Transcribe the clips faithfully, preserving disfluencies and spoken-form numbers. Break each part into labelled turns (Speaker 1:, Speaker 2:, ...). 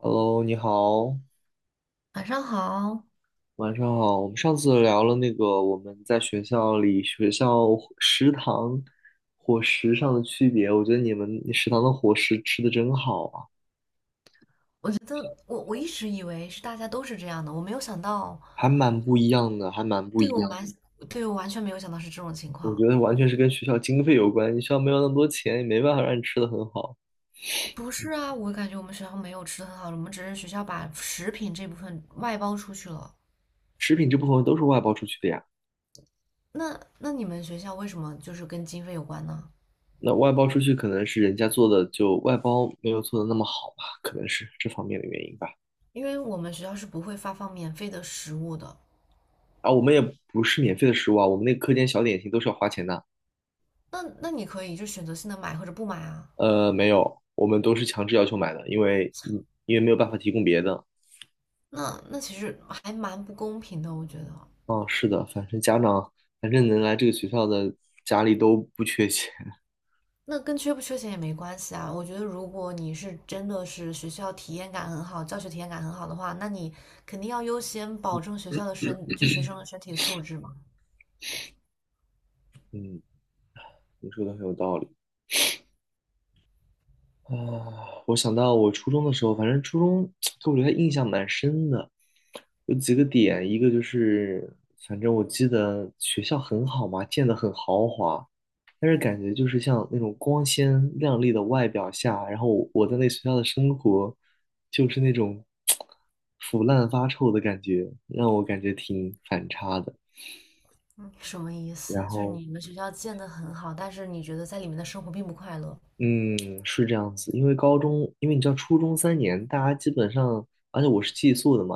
Speaker 1: Hello，你好，
Speaker 2: 晚上好。
Speaker 1: 晚上好。我们上次聊了那个我们在学校里、学校食堂伙食上的区别，我觉得你们食堂的伙食吃的真好啊，
Speaker 2: 我觉得我我一直以为是大家都是这样的，我没有想到。
Speaker 1: 还蛮不一样的，还蛮不一
Speaker 2: 对我
Speaker 1: 样
Speaker 2: 蛮，
Speaker 1: 的
Speaker 2: 对我完全没有想到是这种情
Speaker 1: 我
Speaker 2: 况。
Speaker 1: 觉得完全是跟学校经费有关，你学校没有那么多钱，也没办法让你吃的很好。
Speaker 2: 不是啊，我感觉我们学校没有吃的很好的，我们只是学校把食品这部分外包出去了。
Speaker 1: 食品这部分都是外包出去的呀，
Speaker 2: 那那你们学校为什么就是跟经费有关呢？
Speaker 1: 那外包出去可能是人家做的就外包没有做的那么好吧，可能是这方面的原因吧。
Speaker 2: 因为我们学校是不会发放免费的食物的。
Speaker 1: 啊，我们也不是免费的食物啊，我们那个课间小点心都是要花钱的。
Speaker 2: 那那你可以就选择性的买或者不买啊。
Speaker 1: 呃，没有，我们都是强制要求买的，因为你因为没有办法提供别的。
Speaker 2: 那那其实还蛮不公平的，我觉得。
Speaker 1: 嗯，是的，反正家长，反正能来这个学校的家里都不缺钱。
Speaker 2: 那跟缺不缺钱也没关系啊。我觉得，如果你是真的是学校体验感很好，教学体验感很好的话，那你肯定要优先保证学校的身，就学生的身体素质嘛。
Speaker 1: 嗯，你说的很有道理。啊，我想到我初中的时候，反正初中 给我留下印象蛮深的，有几个点，一个就是，反正我记得学校很好嘛，建的很豪华，但是感觉就是像那种光鲜亮丽的外表下，然后我我在那学校的生活，就是那种 腐烂发臭的感觉，让我感觉挺反差的。
Speaker 2: 嗯，什么意思？
Speaker 1: 然
Speaker 2: 就是
Speaker 1: 后
Speaker 2: 你们学校建得很好，但是你觉得在里面的生活并不快乐，
Speaker 1: 嗯，是这样子，因为高中，因为你知道初中三年，大家基本上，而且我是寄宿的嘛，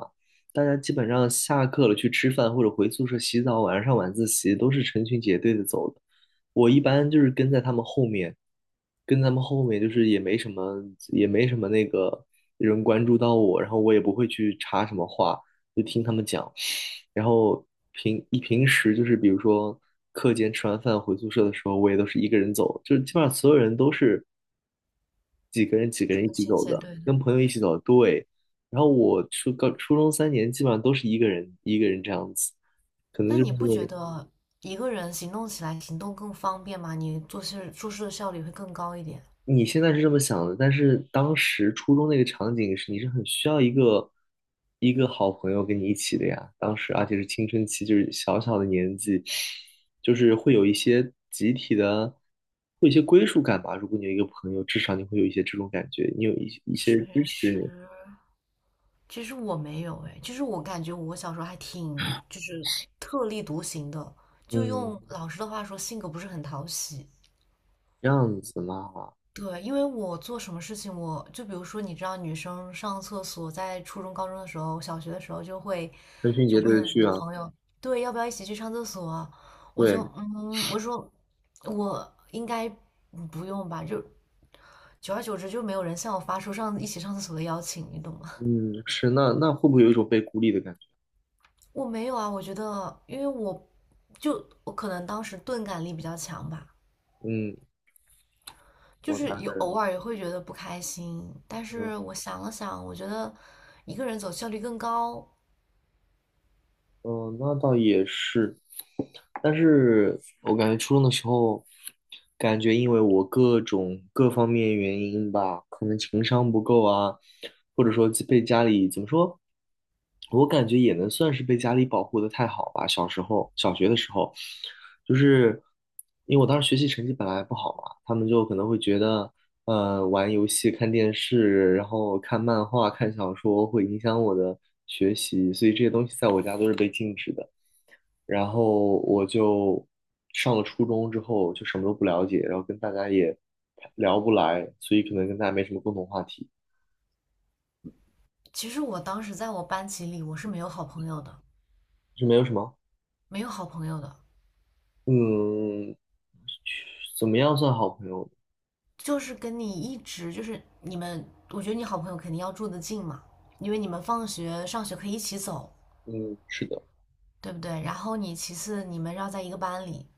Speaker 1: 大家基本上下课了去吃饭或者回宿舍洗澡，晚上上晚自习都是成群结队的走的。我一般就是跟在他们后面，跟他们后面就是也没什么，也没什么那个人关注到我，然后我也不会去插什么话，就听他们讲。然后平一平时就是比如说课间吃完饭回宿舍的时候，我也都是一个人走，就是基本上所有人都是几个人几个人一
Speaker 2: 成
Speaker 1: 起
Speaker 2: 群
Speaker 1: 走
Speaker 2: 写
Speaker 1: 的，
Speaker 2: 对的。
Speaker 1: 跟朋友一起走。对，然后我初高初中三年基本上都是一个人一个人这样子，可能
Speaker 2: 那
Speaker 1: 就
Speaker 2: 你
Speaker 1: 是
Speaker 2: 不
Speaker 1: 因
Speaker 2: 觉
Speaker 1: 为
Speaker 2: 得一个人行动起来行动更方便吗？你做事做事的效率会更高一点。
Speaker 1: 你现在是这么想的，但是当时初中那个场景是你是很需要一个一个好朋友跟你一起的呀。当时而且是青春期，就是小小的年纪，就是会有一些集体的，会有一些归属感吧。如果你有一个朋友，至少你会有一些这种感觉，你有一些一些
Speaker 2: 确
Speaker 1: 支
Speaker 2: 实。
Speaker 1: 持
Speaker 2: 其实我没有哎，其实我感觉我小时候还挺就是特立独行的，
Speaker 1: 你。
Speaker 2: 就
Speaker 1: 嗯，
Speaker 2: 用老师的话说，性格不是很讨喜。
Speaker 1: 这样子嘛，
Speaker 2: 对，因为我做什么事情，我就比如说，你知道，女生上厕所，在初中、高中的时候，小学的时候就会
Speaker 1: 成群
Speaker 2: 就
Speaker 1: 结队
Speaker 2: 问
Speaker 1: 的
Speaker 2: 你
Speaker 1: 去
Speaker 2: 的
Speaker 1: 啊，
Speaker 2: 朋友，对，要不要一起去上厕所啊？我就
Speaker 1: 对，
Speaker 2: 嗯，我说我应该不用吧，就久而久之就没有人向我发出上一起上厕所的邀请，你懂吗？
Speaker 1: 嗯，是。那那会不会有一种被孤立的感觉？
Speaker 2: 我没有啊，我觉得，因为我就我可能当时钝感力比较强吧，
Speaker 1: 嗯，
Speaker 2: 就
Speaker 1: 我
Speaker 2: 是
Speaker 1: 大
Speaker 2: 有
Speaker 1: 概，
Speaker 2: 偶尔也会觉得不开心，但
Speaker 1: 嗯。
Speaker 2: 是我想了想，我觉得一个人走效率更高。
Speaker 1: 嗯，那倒也是，但是我感觉初中的时候，感觉因为我各种各方面原因吧，可能情商不够啊，或者说被家里怎么说，我感觉也能算是被家里保护的太好吧。小时候，小学的时候，就是因为我当时学习成绩本来不好嘛，他们就可能会觉得呃，玩游戏、看电视，然后看漫画、看小说，会影响我的学习，所以这些东西在我家都是被禁止的。然后我就上了初中之后，就什么都不了解，然后跟大家也聊不来，所以可能跟大家没什么共同话题，
Speaker 2: 其实我当时在我班级里，我是没有好朋友的，
Speaker 1: 就没有什么。
Speaker 2: 没有好朋友的。
Speaker 1: 嗯，怎么样算好朋友？
Speaker 2: 就是跟你一直就是你们，我觉得你好朋友肯定要住得近嘛，因为你们放学上学可以一起走，
Speaker 1: 嗯，是的。
Speaker 2: 对不对？然后你其次你们要在一个班里，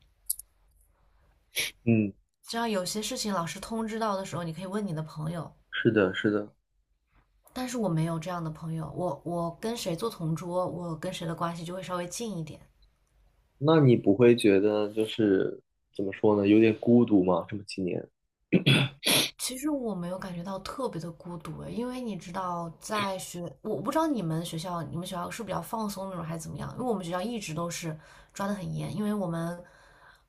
Speaker 1: 嗯，
Speaker 2: 这样有些事情老师通知到的时候，你可以问你的朋友。
Speaker 1: 是的，是的。
Speaker 2: 但是我没有这样的朋友，我我跟谁做同桌，我跟谁的关系就会稍微近一点。
Speaker 1: 那你不会觉得就是怎么说呢，有点孤独吗？这么几年，
Speaker 2: 其实我没有感觉到特别的孤独诶，因为你知道，在学，我不知道你们学校，你们学校是比较放松那种还是怎么样？因为我们学校一直都是抓得很严，因为我们，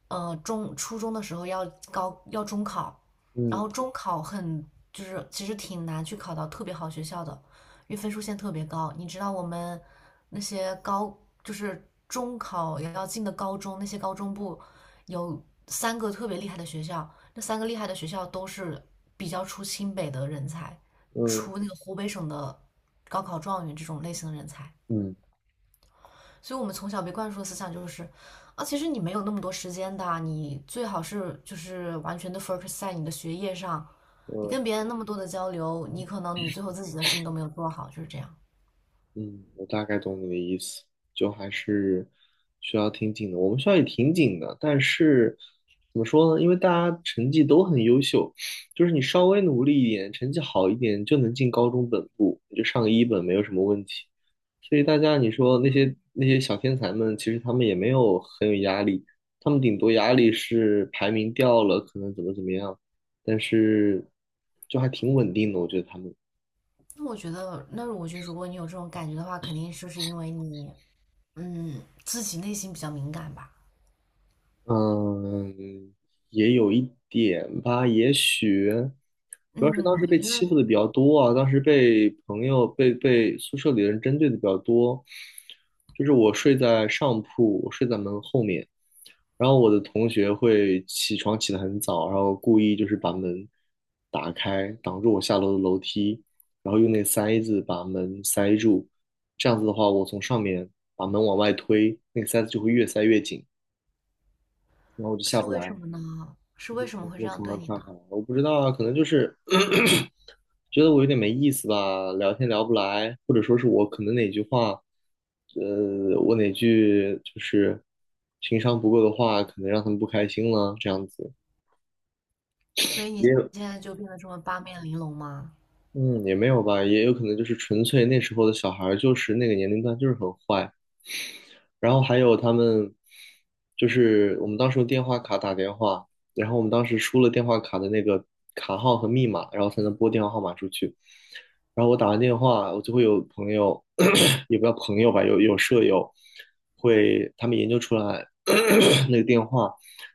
Speaker 2: 呃，中初中的时候要高要中考，然
Speaker 1: 嗯
Speaker 2: 后中考很就是其实挺难去考到特别好学校的，因为分数线特别高。你知道我们那些高就是中考也要进的高中，那些高中部有三个特别厉害的学校。那三个厉害的学校都是比较出清北的人才，
Speaker 1: 嗯
Speaker 2: 出那个湖北省的高考状元这种类型的人才。
Speaker 1: 嗯。
Speaker 2: 所以我们从小被灌输的思想就是，啊，其实你没有那么多时间的，你最好是就是完全的 focus 在你的学业上，你
Speaker 1: 呃，
Speaker 2: 跟别人那么多的交流，你可能你最后自己的事情都没有做好，就是这样。
Speaker 1: 嗯，我大概懂你的意思，就还是学校挺紧的。我们学校也挺紧的，但是怎么说呢？因为大家成绩都很优秀，就是你稍微努力一点，成绩好一点，就能进高中本部，你就上个一本没有什么问题。所以大家你说那些那些小天才们，其实他们也没有很有压力，他们顶多压力是排名掉了，可能怎么怎么样，但是就还挺稳定的，我觉得他们。
Speaker 2: 那我觉得，那我觉得如果你有这种感觉的话，肯定就是因为你，嗯，自己内心比较敏感吧。
Speaker 1: 嗯，也有一点吧，也许主要是当
Speaker 2: 嗯，
Speaker 1: 时
Speaker 2: 我
Speaker 1: 被
Speaker 2: 觉
Speaker 1: 欺
Speaker 2: 得
Speaker 1: 负的比较多啊，当时被朋友、被被宿舍里的人针对的比较多。就是我睡在上铺，我睡在门后面，然后我的同学会起床起得很早，然后故意就是把门打开，挡住我下楼的楼梯，然后用那塞子把门塞住。这样子的话，我从上面把门往外推，那个塞子就会越塞越紧，然后我就下
Speaker 2: 是
Speaker 1: 不
Speaker 2: 为什
Speaker 1: 来。
Speaker 2: 么呢？是为什么会这
Speaker 1: 我
Speaker 2: 样
Speaker 1: 从来
Speaker 2: 对
Speaker 1: 不
Speaker 2: 你
Speaker 1: 看
Speaker 2: 呢？
Speaker 1: 韩，我不知道啊，可能就是 觉得我有点没意思吧，聊天聊不来，呃，我哪句就是情商不够的话，可能让他们不开心了，这样子。
Speaker 2: 所以
Speaker 1: 也
Speaker 2: 你
Speaker 1: 有，
Speaker 2: 现在就变得这么八面玲珑吗？
Speaker 1: 嗯，也没有吧，也有可能就是纯粹那时候的小孩儿就是那个年龄段就是很坏，然后还有他们，就是我们当时用电话卡打电话，然后我们当时输了电话卡的那个卡号和密码，然后才能拨电话号码出去。然后我打完电话，我就会有朋友，也不叫朋友吧，有有舍友会，他们研究出来 那个电话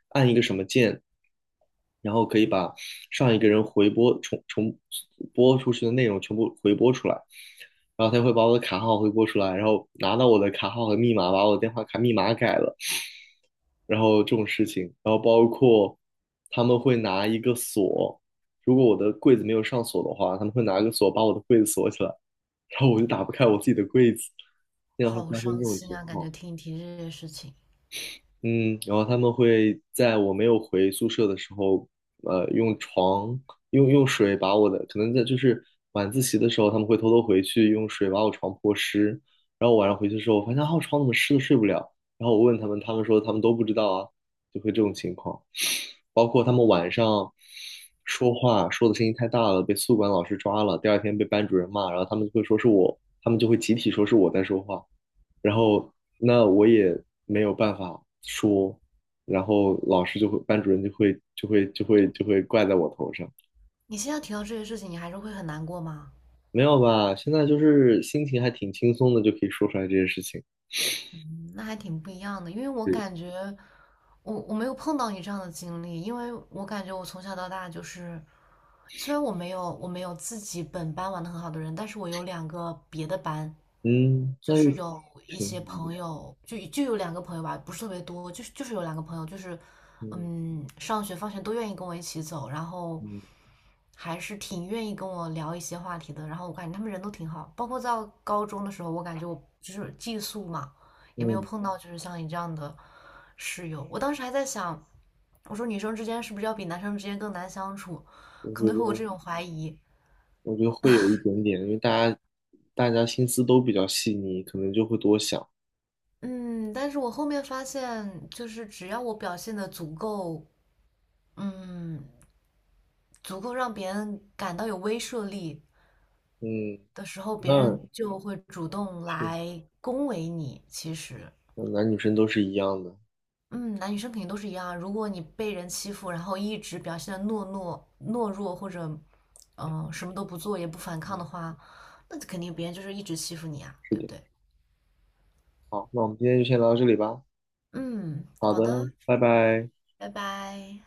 Speaker 1: 按一个什么键，然后可以把上一个人回拨重重播出去的内容全部回拨出来。然后他会把我的卡号回拨出来，然后拿到我的卡号和密码，把我的电话卡密码改了，然后这种事情，然后包括他们会拿一个锁，如果我的柜子没有上锁的话，他们会拿个锁把我的柜子锁起来，然后我就打不开我自己的柜子，经常会
Speaker 2: 好
Speaker 1: 发生这
Speaker 2: 伤
Speaker 1: 种
Speaker 2: 心
Speaker 1: 情
Speaker 2: 啊！感
Speaker 1: 况。
Speaker 2: 觉听你提这些事情，
Speaker 1: 嗯，然后他们会在我没有回宿舍的时候，呃，用床用用水把我的，可能在就是晚自习的时候，他们会偷偷回去用水把我床泼湿，然后晚上回去的时候，我发现啊，我床怎么湿的睡不了，然后我问他们，他们说他们都不知道啊，就会这种情况，包括他们晚上说话说的声音太大了，被宿管老师抓了，第二天被班主任骂，然后他们会说是我，他们就会集体说是我在说话，然后那我也没有办法说，然后老师就会，班主任就会就会就会就会怪在我头上。
Speaker 2: 你现在提到这些事情，你还是会很难过吗？
Speaker 1: 没有吧？现在就是心情还挺轻松的，就可以说出来这些事情。
Speaker 2: 嗯，那还挺不一样的，因为我
Speaker 1: 是，
Speaker 2: 感觉我我没有碰到你这样的经历，因为我感觉我从小到大就是，虽然我没有我没有自己本班玩的很好的人，但是我有两个别的班，
Speaker 1: 嗯，
Speaker 2: 就
Speaker 1: 那
Speaker 2: 是
Speaker 1: 就
Speaker 2: 有一
Speaker 1: 挺
Speaker 2: 些
Speaker 1: 好。
Speaker 2: 朋友，就就有两个朋友吧，不是特别多，就是就是有两个朋友，就是
Speaker 1: 嗯
Speaker 2: 嗯，上学放学都愿意跟我一起走，然后
Speaker 1: 嗯
Speaker 2: 还是挺愿意跟我聊一些话题的。然后我感觉他们人都挺好，包括到高中的时候，我感觉我就是寄宿嘛，也没有
Speaker 1: 嗯，
Speaker 2: 碰到就是像你这样的室友。我当时还在想，我说女生之间是不是要比男生之间更难相处？
Speaker 1: 我
Speaker 2: 可
Speaker 1: 觉
Speaker 2: 能会有
Speaker 1: 得
Speaker 2: 这种怀疑。
Speaker 1: 我觉得会有一点点，因为大家大家心思都比较细腻，可能就会多想。
Speaker 2: 嗯，但是我后面发现，就是只要我表现的足够嗯，足够让别人感到有威慑力
Speaker 1: 嗯，
Speaker 2: 的时候，别
Speaker 1: 那
Speaker 2: 人就会主动
Speaker 1: 是，
Speaker 2: 来恭维你。其实，
Speaker 1: 嗯男女生都是一样的。
Speaker 2: 嗯，男女生肯定都是一样啊，如果你被人欺负，然后一直表现的懦懦懦弱，或者嗯、呃什么都不做也不反抗的
Speaker 1: 嗯，
Speaker 2: 话，那肯定别人就是一直欺负你啊，
Speaker 1: 是
Speaker 2: 对不
Speaker 1: 的。
Speaker 2: 对？
Speaker 1: 好，那我们今天就先聊到这里吧。
Speaker 2: 嗯，
Speaker 1: 好
Speaker 2: 好
Speaker 1: 的，
Speaker 2: 的，
Speaker 1: 拜拜。
Speaker 2: 拜拜。